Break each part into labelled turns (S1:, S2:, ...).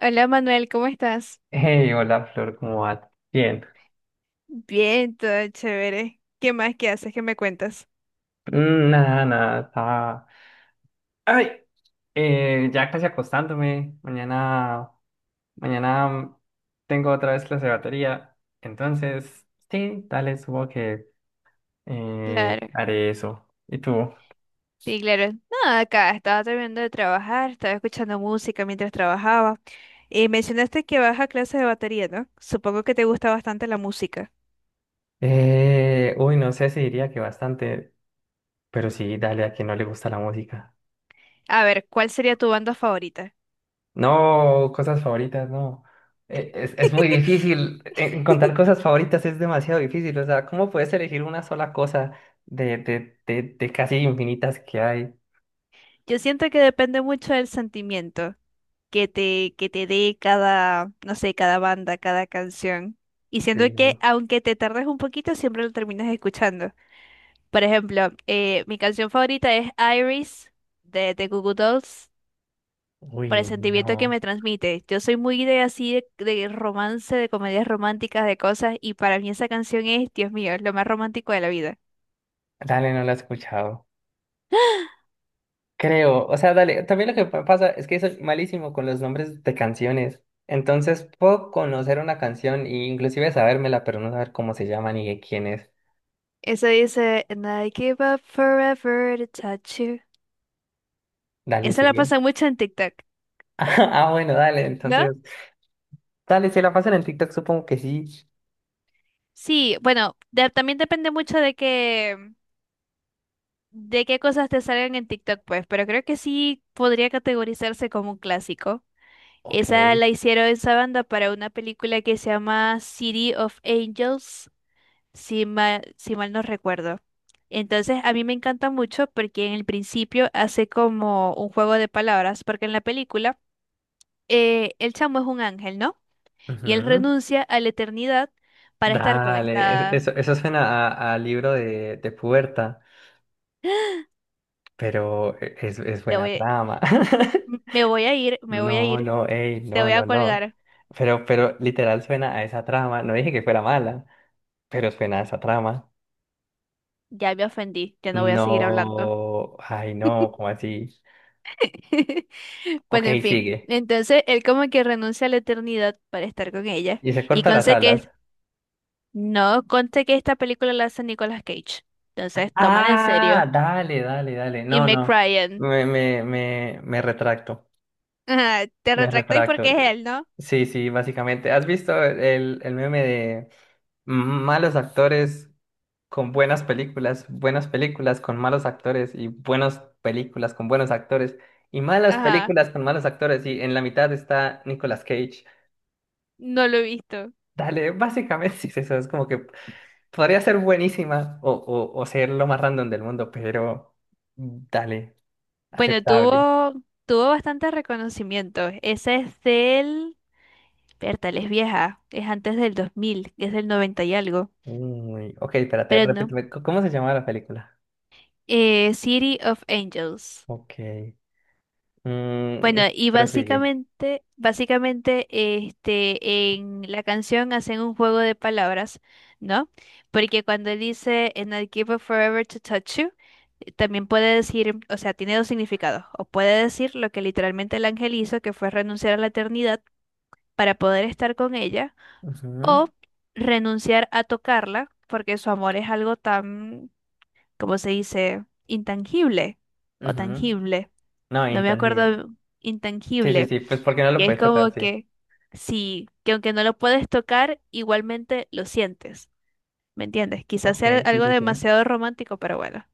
S1: Hola Manuel, ¿cómo estás?
S2: Hey, hola Flor, ¿cómo vas? Bien.
S1: Bien, todo chévere. ¿Qué más? ¿Qué haces? ¿Qué me cuentas?
S2: Nada, estaba... Ay, ya casi acostándome. Mañana tengo otra vez clase de batería. Entonces, sí, dale, supongo que
S1: Claro,
S2: haré eso. ¿Y tú?
S1: sí, claro. Nada, acá estaba terminando de trabajar, estaba escuchando música mientras trabajaba. Y mencionaste que vas a clases de batería, ¿no? Supongo que te gusta bastante la música.
S2: Uy, no sé si diría que bastante, pero sí, dale, a quien no le gusta la música.
S1: A ver, ¿cuál sería tu banda favorita?
S2: No, cosas favoritas, no. Es muy difícil. Encontrar cosas favoritas es demasiado difícil. O sea, ¿cómo puedes elegir una sola cosa de casi infinitas que hay?
S1: Yo siento que depende mucho del sentimiento que te dé cada, no sé, cada banda, cada canción. Y siento que
S2: Digo,
S1: aunque te tardes un poquito, siempre lo terminas escuchando. Por ejemplo, mi canción favorita es Iris de The Goo Goo Dolls por el
S2: uy,
S1: sentimiento que
S2: no.
S1: me transmite. Yo soy muy de así de romance, de comedias románticas, de cosas, y para mí esa canción es, Dios mío, es lo más romántico de la vida.
S2: Dale, no la he escuchado. Creo. O sea, dale. También lo que pasa es que soy malísimo con los nombres de canciones. Entonces puedo conocer una canción e inclusive sabérmela, pero no saber cómo se llama ni de quién es.
S1: Eso dice, And I give up forever to touch you.
S2: Dale,
S1: Esa la
S2: sigue.
S1: pasa mucho en TikTok,
S2: Ah, bueno, dale. Entonces.
S1: ¿no?
S2: Dale, si la pasan en TikTok, supongo que sí.
S1: Sí, bueno, también depende mucho de qué cosas te salgan en TikTok, pues, pero creo que sí podría categorizarse como un clásico.
S2: Ok.
S1: Esa la hicieron esa banda para una película que se llama City of Angels, si mal no recuerdo. Entonces, a mí me encanta mucho porque en el principio hace como un juego de palabras, porque en la película el chamo es un ángel, ¿no? Y él
S2: Ujú.
S1: renuncia a la eternidad para estar con
S2: Dale,
S1: esta.
S2: eso suena a libro de puerta, pero es
S1: Te
S2: buena
S1: voy.
S2: trama.
S1: Me voy a ir, me voy a
S2: No,
S1: ir,
S2: no, ey,
S1: te
S2: no,
S1: voy a
S2: no, no.
S1: colgar.
S2: Pero literal suena a esa trama. No dije que fuera mala, pero suena a esa trama.
S1: Ya me ofendí, ya no voy a seguir hablando.
S2: No, ay, no, ¿cómo así? Ok,
S1: Bueno, en fin.
S2: sigue.
S1: Entonces él como que renuncia a la eternidad para estar con ella.
S2: Y se
S1: Y
S2: corta las
S1: conste que
S2: alas.
S1: no, conste que esta película la hace Nicolas Cage. Entonces, tómala en
S2: Ah,
S1: serio.
S2: dale, dale, dale.
S1: Y
S2: No,
S1: me
S2: no.
S1: Ryan.
S2: Me retracto.
S1: Ajá, te
S2: Me
S1: retractáis porque
S2: retracto.
S1: es él, ¿no?
S2: Sí, sí, básicamente. ¿Has visto el meme de malos actores con buenas películas con malos actores y buenas películas con buenos actores y malas
S1: Ajá,
S2: películas con malos actores y en la mitad está Nicolas Cage?
S1: no lo he visto.
S2: Dale, básicamente sí es eso, es como que podría ser buenísima o ser lo más random del mundo, pero dale,
S1: Bueno,
S2: aceptable.
S1: tuvo bastante reconocimiento. Esa es del. Bertal es vieja. Es antes del 2000, es del 90 y algo.
S2: Uy, ok, espérate,
S1: Pero no.
S2: repíteme, ¿cómo se llama la película?
S1: City of Angels.
S2: Ok.
S1: Bueno,
S2: Mm,
S1: y
S2: prosigue.
S1: básicamente, este, en la canción hacen un juego de palabras, ¿no? Porque cuando él dice And I give up forever to touch you, también puede decir, o sea, tiene dos significados. O puede decir lo que literalmente el ángel hizo, que fue renunciar a la eternidad para poder estar con ella,
S2: Ujú,
S1: o renunciar a tocarla, porque su amor es algo tan, ¿cómo se dice? Intangible o
S2: ujú.
S1: tangible.
S2: No,
S1: No me
S2: intangible.
S1: acuerdo,
S2: Sí, sí,
S1: intangible.
S2: sí, pues porque no
S1: Y
S2: lo
S1: es
S2: puedes
S1: como
S2: tocar, sí.
S1: que sí, que aunque no lo puedes tocar, igualmente lo sientes. ¿Me entiendes? Quizás
S2: Ok,
S1: sea
S2: sí,
S1: algo
S2: sí, sí.
S1: demasiado romántico, pero bueno,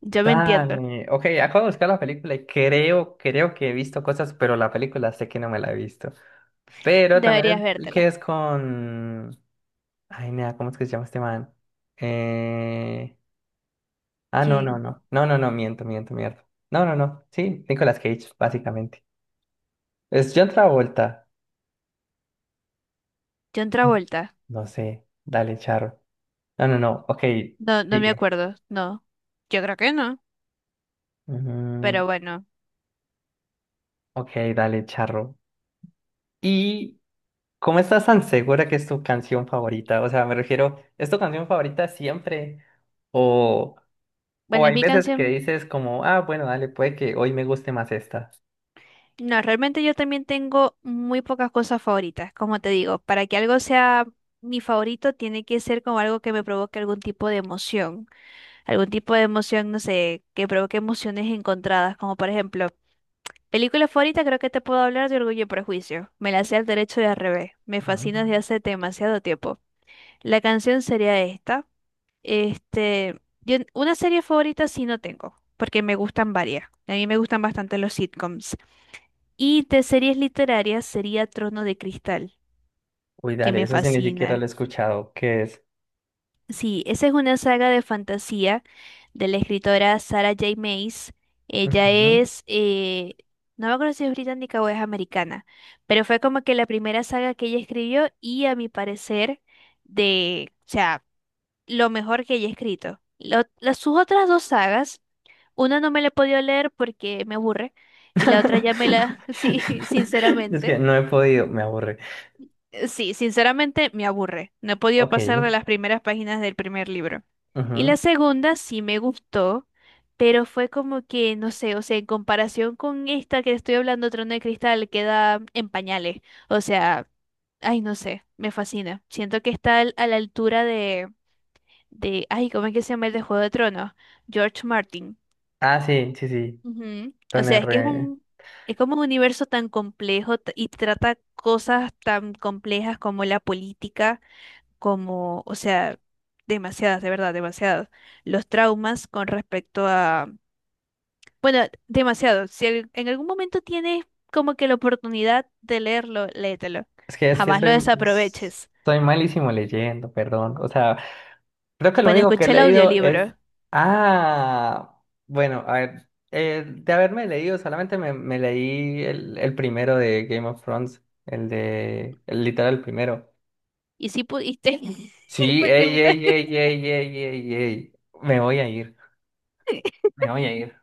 S1: yo me entiendo.
S2: Dale. Ok, acabo de buscar la película y creo, creo que he visto cosas, pero la película sé que no me la he visto. Pero también
S1: Deberías
S2: el
S1: vértela.
S2: que es con... Ay, nada, ¿cómo es que se llama este man? Eh... Ah, no, no,
S1: ¿Quién?
S2: no. No, no, no, miento, miento, miento. No, no, no. Sí, Nicolas Cage, básicamente. Es John Travolta.
S1: John Travolta.
S2: No sé. Dale, Charo. No, no, no. Ok,
S1: No, no me
S2: sigue.
S1: acuerdo. No. Yo creo que no.
S2: Mm,
S1: Pero bueno.
S2: ok, dale, charro. ¿Y cómo estás tan segura que es tu canción favorita? O sea, me refiero, ¿es tu canción favorita siempre? O, o
S1: Bueno, es
S2: hay
S1: mi
S2: veces que
S1: canción.
S2: dices como, ah, bueno, dale, puede que hoy me guste más esta.
S1: No, realmente yo también tengo muy pocas cosas favoritas, como te digo. Para que algo sea mi favorito, tiene que ser como algo que me provoque algún tipo de emoción, no sé, que provoque emociones encontradas, como por ejemplo, película favorita, creo que te puedo hablar de Orgullo y Prejuicio. Me la sé al derecho y al revés. Me
S2: Ujú.
S1: fascina desde hace demasiado tiempo. La canción sería esta. Este, una serie favorita sí no tengo, porque me gustan varias. A mí me gustan bastante los sitcoms. Y de series literarias sería Trono de Cristal,
S2: Uy,
S1: que
S2: dale,
S1: me
S2: eso sí ni siquiera lo he
S1: fascina.
S2: escuchado. ¿Qué es?
S1: Sí, esa es una saga de fantasía de la escritora Sarah J. Maas. Ella
S2: Ujú.
S1: es, no me acuerdo si es británica o es americana, pero fue como que la primera saga que ella escribió y a mi parecer o sea, lo mejor que ella ha escrito. Sus otras dos sagas, una no me la he podido leer porque me aburre y la otra ya me la, sí,
S2: Es que
S1: sinceramente.
S2: no he podido, me aburre.
S1: Sí, sinceramente me aburre. No he podido
S2: Ok.
S1: pasar de las primeras páginas del primer libro. Y
S2: Ujú.
S1: la segunda sí me gustó, pero fue como que, no sé, o sea, en comparación con esta que estoy hablando, Trono de Cristal, queda en pañales. O sea, ay, no sé, me fascina. Siento que está a la altura de, ay, ¿cómo es que se llama el de Juego de Tronos? George Martin.
S2: Ah, sí, sí, sí.
S1: Ujú. O
S2: Don
S1: sea, es que
S2: R.
S1: es como un universo tan complejo y trata cosas tan complejas como la política como, o sea, demasiadas, de verdad, demasiadas. Los traumas con respecto a, bueno, demasiado. Si en algún momento tienes como que la oportunidad de leerlo, léetelo.
S2: Es que
S1: Jamás lo
S2: soy,
S1: desaproveches.
S2: soy malísimo leyendo, perdón. O sea, creo que lo
S1: Bueno,
S2: único que he
S1: escuché el
S2: leído es...
S1: audiolibro
S2: Ah, bueno, a ver, de haberme leído, solamente me leí el primero de Game of Thrones, el de... El literal el primero.
S1: y si pudiste,
S2: Sí,
S1: porque a mí
S2: ey,
S1: mitad,
S2: ey, ey, ey, ey, ey, ey. Me voy a ir, me voy a ir.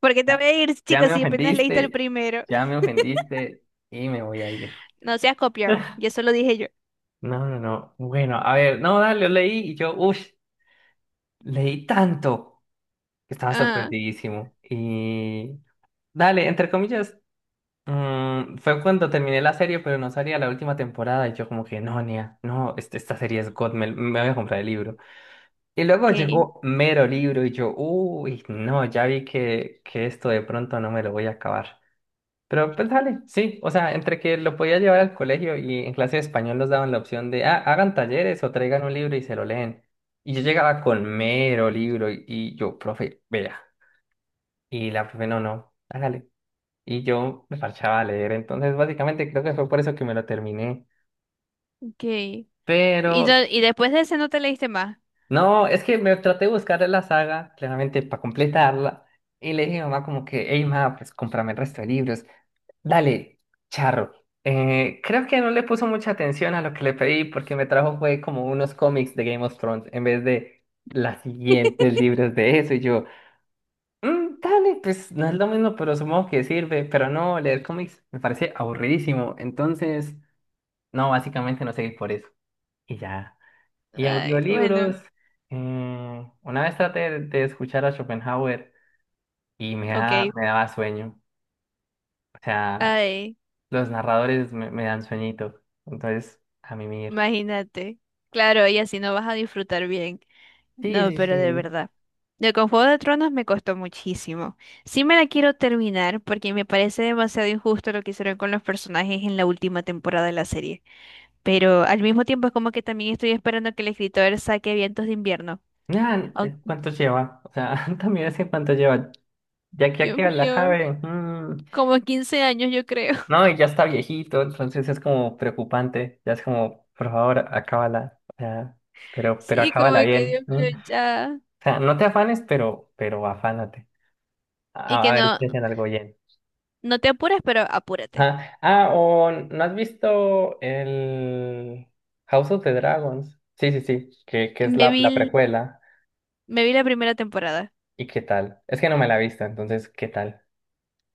S1: porque te
S2: Ya,
S1: voy a ir,
S2: ya
S1: chicos,
S2: me
S1: si apenas leíste el
S2: ofendiste,
S1: primero.
S2: ya me ofendiste y me voy a ir.
S1: No seas copión, y eso lo dije yo.
S2: No, no, no. Bueno, a ver, no, dale, lo leí y yo, uff. Leí tanto que estaba
S1: Ah,
S2: sorprendidísimo. Y dale, entre comillas, fue cuando terminé la serie, pero no salía la última temporada. Y yo como que, no, Nia, no, esta serie es God, me voy a comprar el libro. Y luego
S1: ok.
S2: llegó mero libro y yo, uy, no, ya vi que esto de pronto no me lo voy a acabar. Pero pues dale, sí, o sea, entre que lo podía llevar al colegio y en clase de español nos daban la opción de, ah, hagan talleres o traigan un libro y se lo leen. Y yo llegaba con
S1: Sí.
S2: mero libro y yo, profe, vea. Y la profe, no, no, hágale. Y yo me parchaba a leer, entonces básicamente creo que fue por eso que me lo terminé.
S1: Ok.
S2: Pero,
S1: Y después de ese no te leíste más.
S2: no, es que me traté de buscar la saga, claramente, para completarla. Y le dije a mamá como que, hey, mamá, pues cómprame el resto de libros. Dale, charro. Creo que no le puso mucha atención a lo que le pedí porque me trajo fue como unos cómics de Game of Thrones en vez de las siguientes libros de eso. Y yo, dale, pues no es lo mismo, pero supongo que sirve. Pero no, leer cómics me parece aburridísimo. Entonces, no, básicamente no seguí por eso. Y ya. Y
S1: Ay,
S2: audiolibros.
S1: bueno,
S2: Una vez traté de escuchar a Schopenhauer y
S1: ok.
S2: me daba sueño. O sea,
S1: Ay,
S2: los narradores me dan sueñito. Entonces, a mimir.
S1: imagínate. Claro, y así no vas a disfrutar bien.
S2: Sí,
S1: No,
S2: sí,
S1: pero de
S2: sí.
S1: verdad. De Con Juego de Tronos me costó muchísimo. Sí me la quiero terminar porque me parece demasiado injusto lo que hicieron con los personajes en la última temporada de la serie. Pero al mismo tiempo es como que también estoy esperando que el escritor saque Vientos de Invierno.
S2: Nada,
S1: Aunque,
S2: ¿cuánto lleva? O sea, también es que cuánto lleva. Ya que ya
S1: Dios
S2: que la
S1: mío,
S2: cabe.
S1: como 15 años yo creo.
S2: No, y ya está viejito, entonces es como preocupante. Ya es como, por favor, acábala. O sea, pero
S1: Sí, como
S2: acábala
S1: que
S2: bien.
S1: Dios
S2: ¿No?
S1: mío,
S2: O
S1: ya.
S2: sea, no te afanes, pero afánate.
S1: Y
S2: A
S1: que
S2: ver
S1: no,
S2: si hacen algo bien.
S1: no te apures, pero apúrate.
S2: Ajá. Ah, o ¿no has visto el House of the Dragons? Sí, sí, sí, que es
S1: Me
S2: la,
S1: vi,
S2: la precuela.
S1: me vi la primera temporada.
S2: ¿Y qué tal? Es que no me la he visto, entonces, ¿qué tal?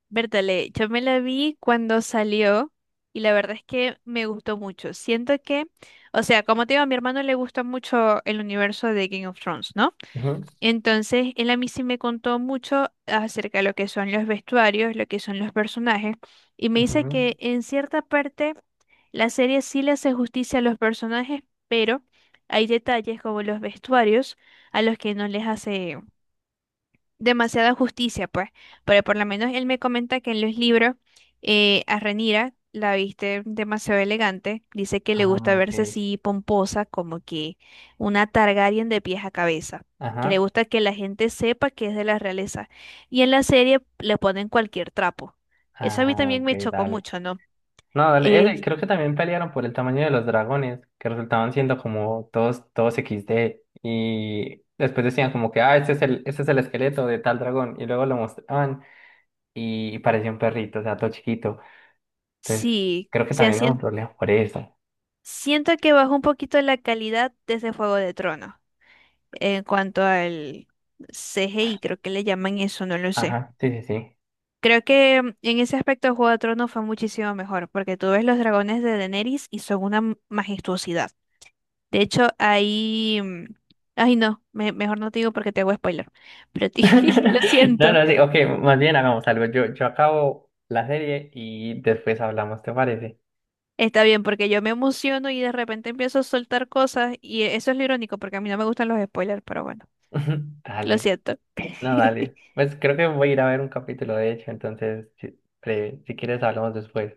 S1: Bertale, yo me la vi cuando salió y la verdad es que me gustó mucho. Siento que, o sea, como te digo, a mi hermano le gusta mucho el universo de Game of Thrones, ¿no?
S2: Ujú,
S1: Entonces, él a mí sí me contó mucho acerca de lo que son los vestuarios, lo que son los personajes, y me dice
S2: ujú.
S1: que en cierta parte la serie sí le hace justicia a los personajes, pero hay detalles como los vestuarios a los que no les hace demasiada justicia, pues, pero por lo menos él me comenta que en los libros a Renira la viste demasiado elegante, dice que le
S2: Ah,
S1: gusta verse
S2: ok.
S1: así pomposa, como que una Targaryen de pies a cabeza, que le
S2: Ajá.
S1: gusta que la gente sepa que es de la realeza, y en la serie le ponen cualquier trapo. Eso a mí
S2: Ah,
S1: también
S2: ok,
S1: me chocó
S2: dale.
S1: mucho, ¿no?
S2: No, dale.
S1: Eh,
S2: Ese, creo que también pelearon por el tamaño de los dragones, que resultaban siendo como todos, todos XD. Y después decían como que, ah, este es este es el esqueleto de tal dragón. Y luego lo mostraban y parecía un perrito, o sea, todo chiquito. Entonces,
S1: sí,
S2: creo que
S1: se
S2: también hubo problemas por eso.
S1: siento que bajó un poquito la calidad desde Fuego de Tronos en cuanto al CGI, creo que le llaman eso, no lo sé.
S2: Ajá, sí, sí, sí.
S1: Creo que en ese aspecto Juego de Tronos fue muchísimo mejor, porque tú ves los dragones de Daenerys y son una majestuosidad. De hecho, ahí. Ay, no, mejor no te digo porque te hago spoiler. Pero lo
S2: No,
S1: siento.
S2: no, sí, ok, más bien hagamos algo. Yo acabo la serie y después hablamos, ¿te parece?
S1: Está bien, porque yo me emociono y de repente empiezo a soltar cosas y eso es lo irónico, porque a mí no me gustan los spoilers, pero bueno, lo
S2: Dale,
S1: siento.
S2: no, dale. Pues creo que voy a ir a ver un capítulo, de hecho, entonces, si, breve, si quieres, hablamos después.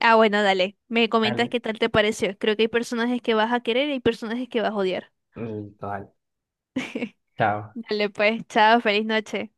S1: Ah, bueno, dale. Me comentas
S2: Dale.
S1: qué tal te pareció. Creo que hay personajes que vas a querer y hay personajes que vas a odiar.
S2: Listo, dale. Chao.
S1: Dale, pues, chao, feliz noche.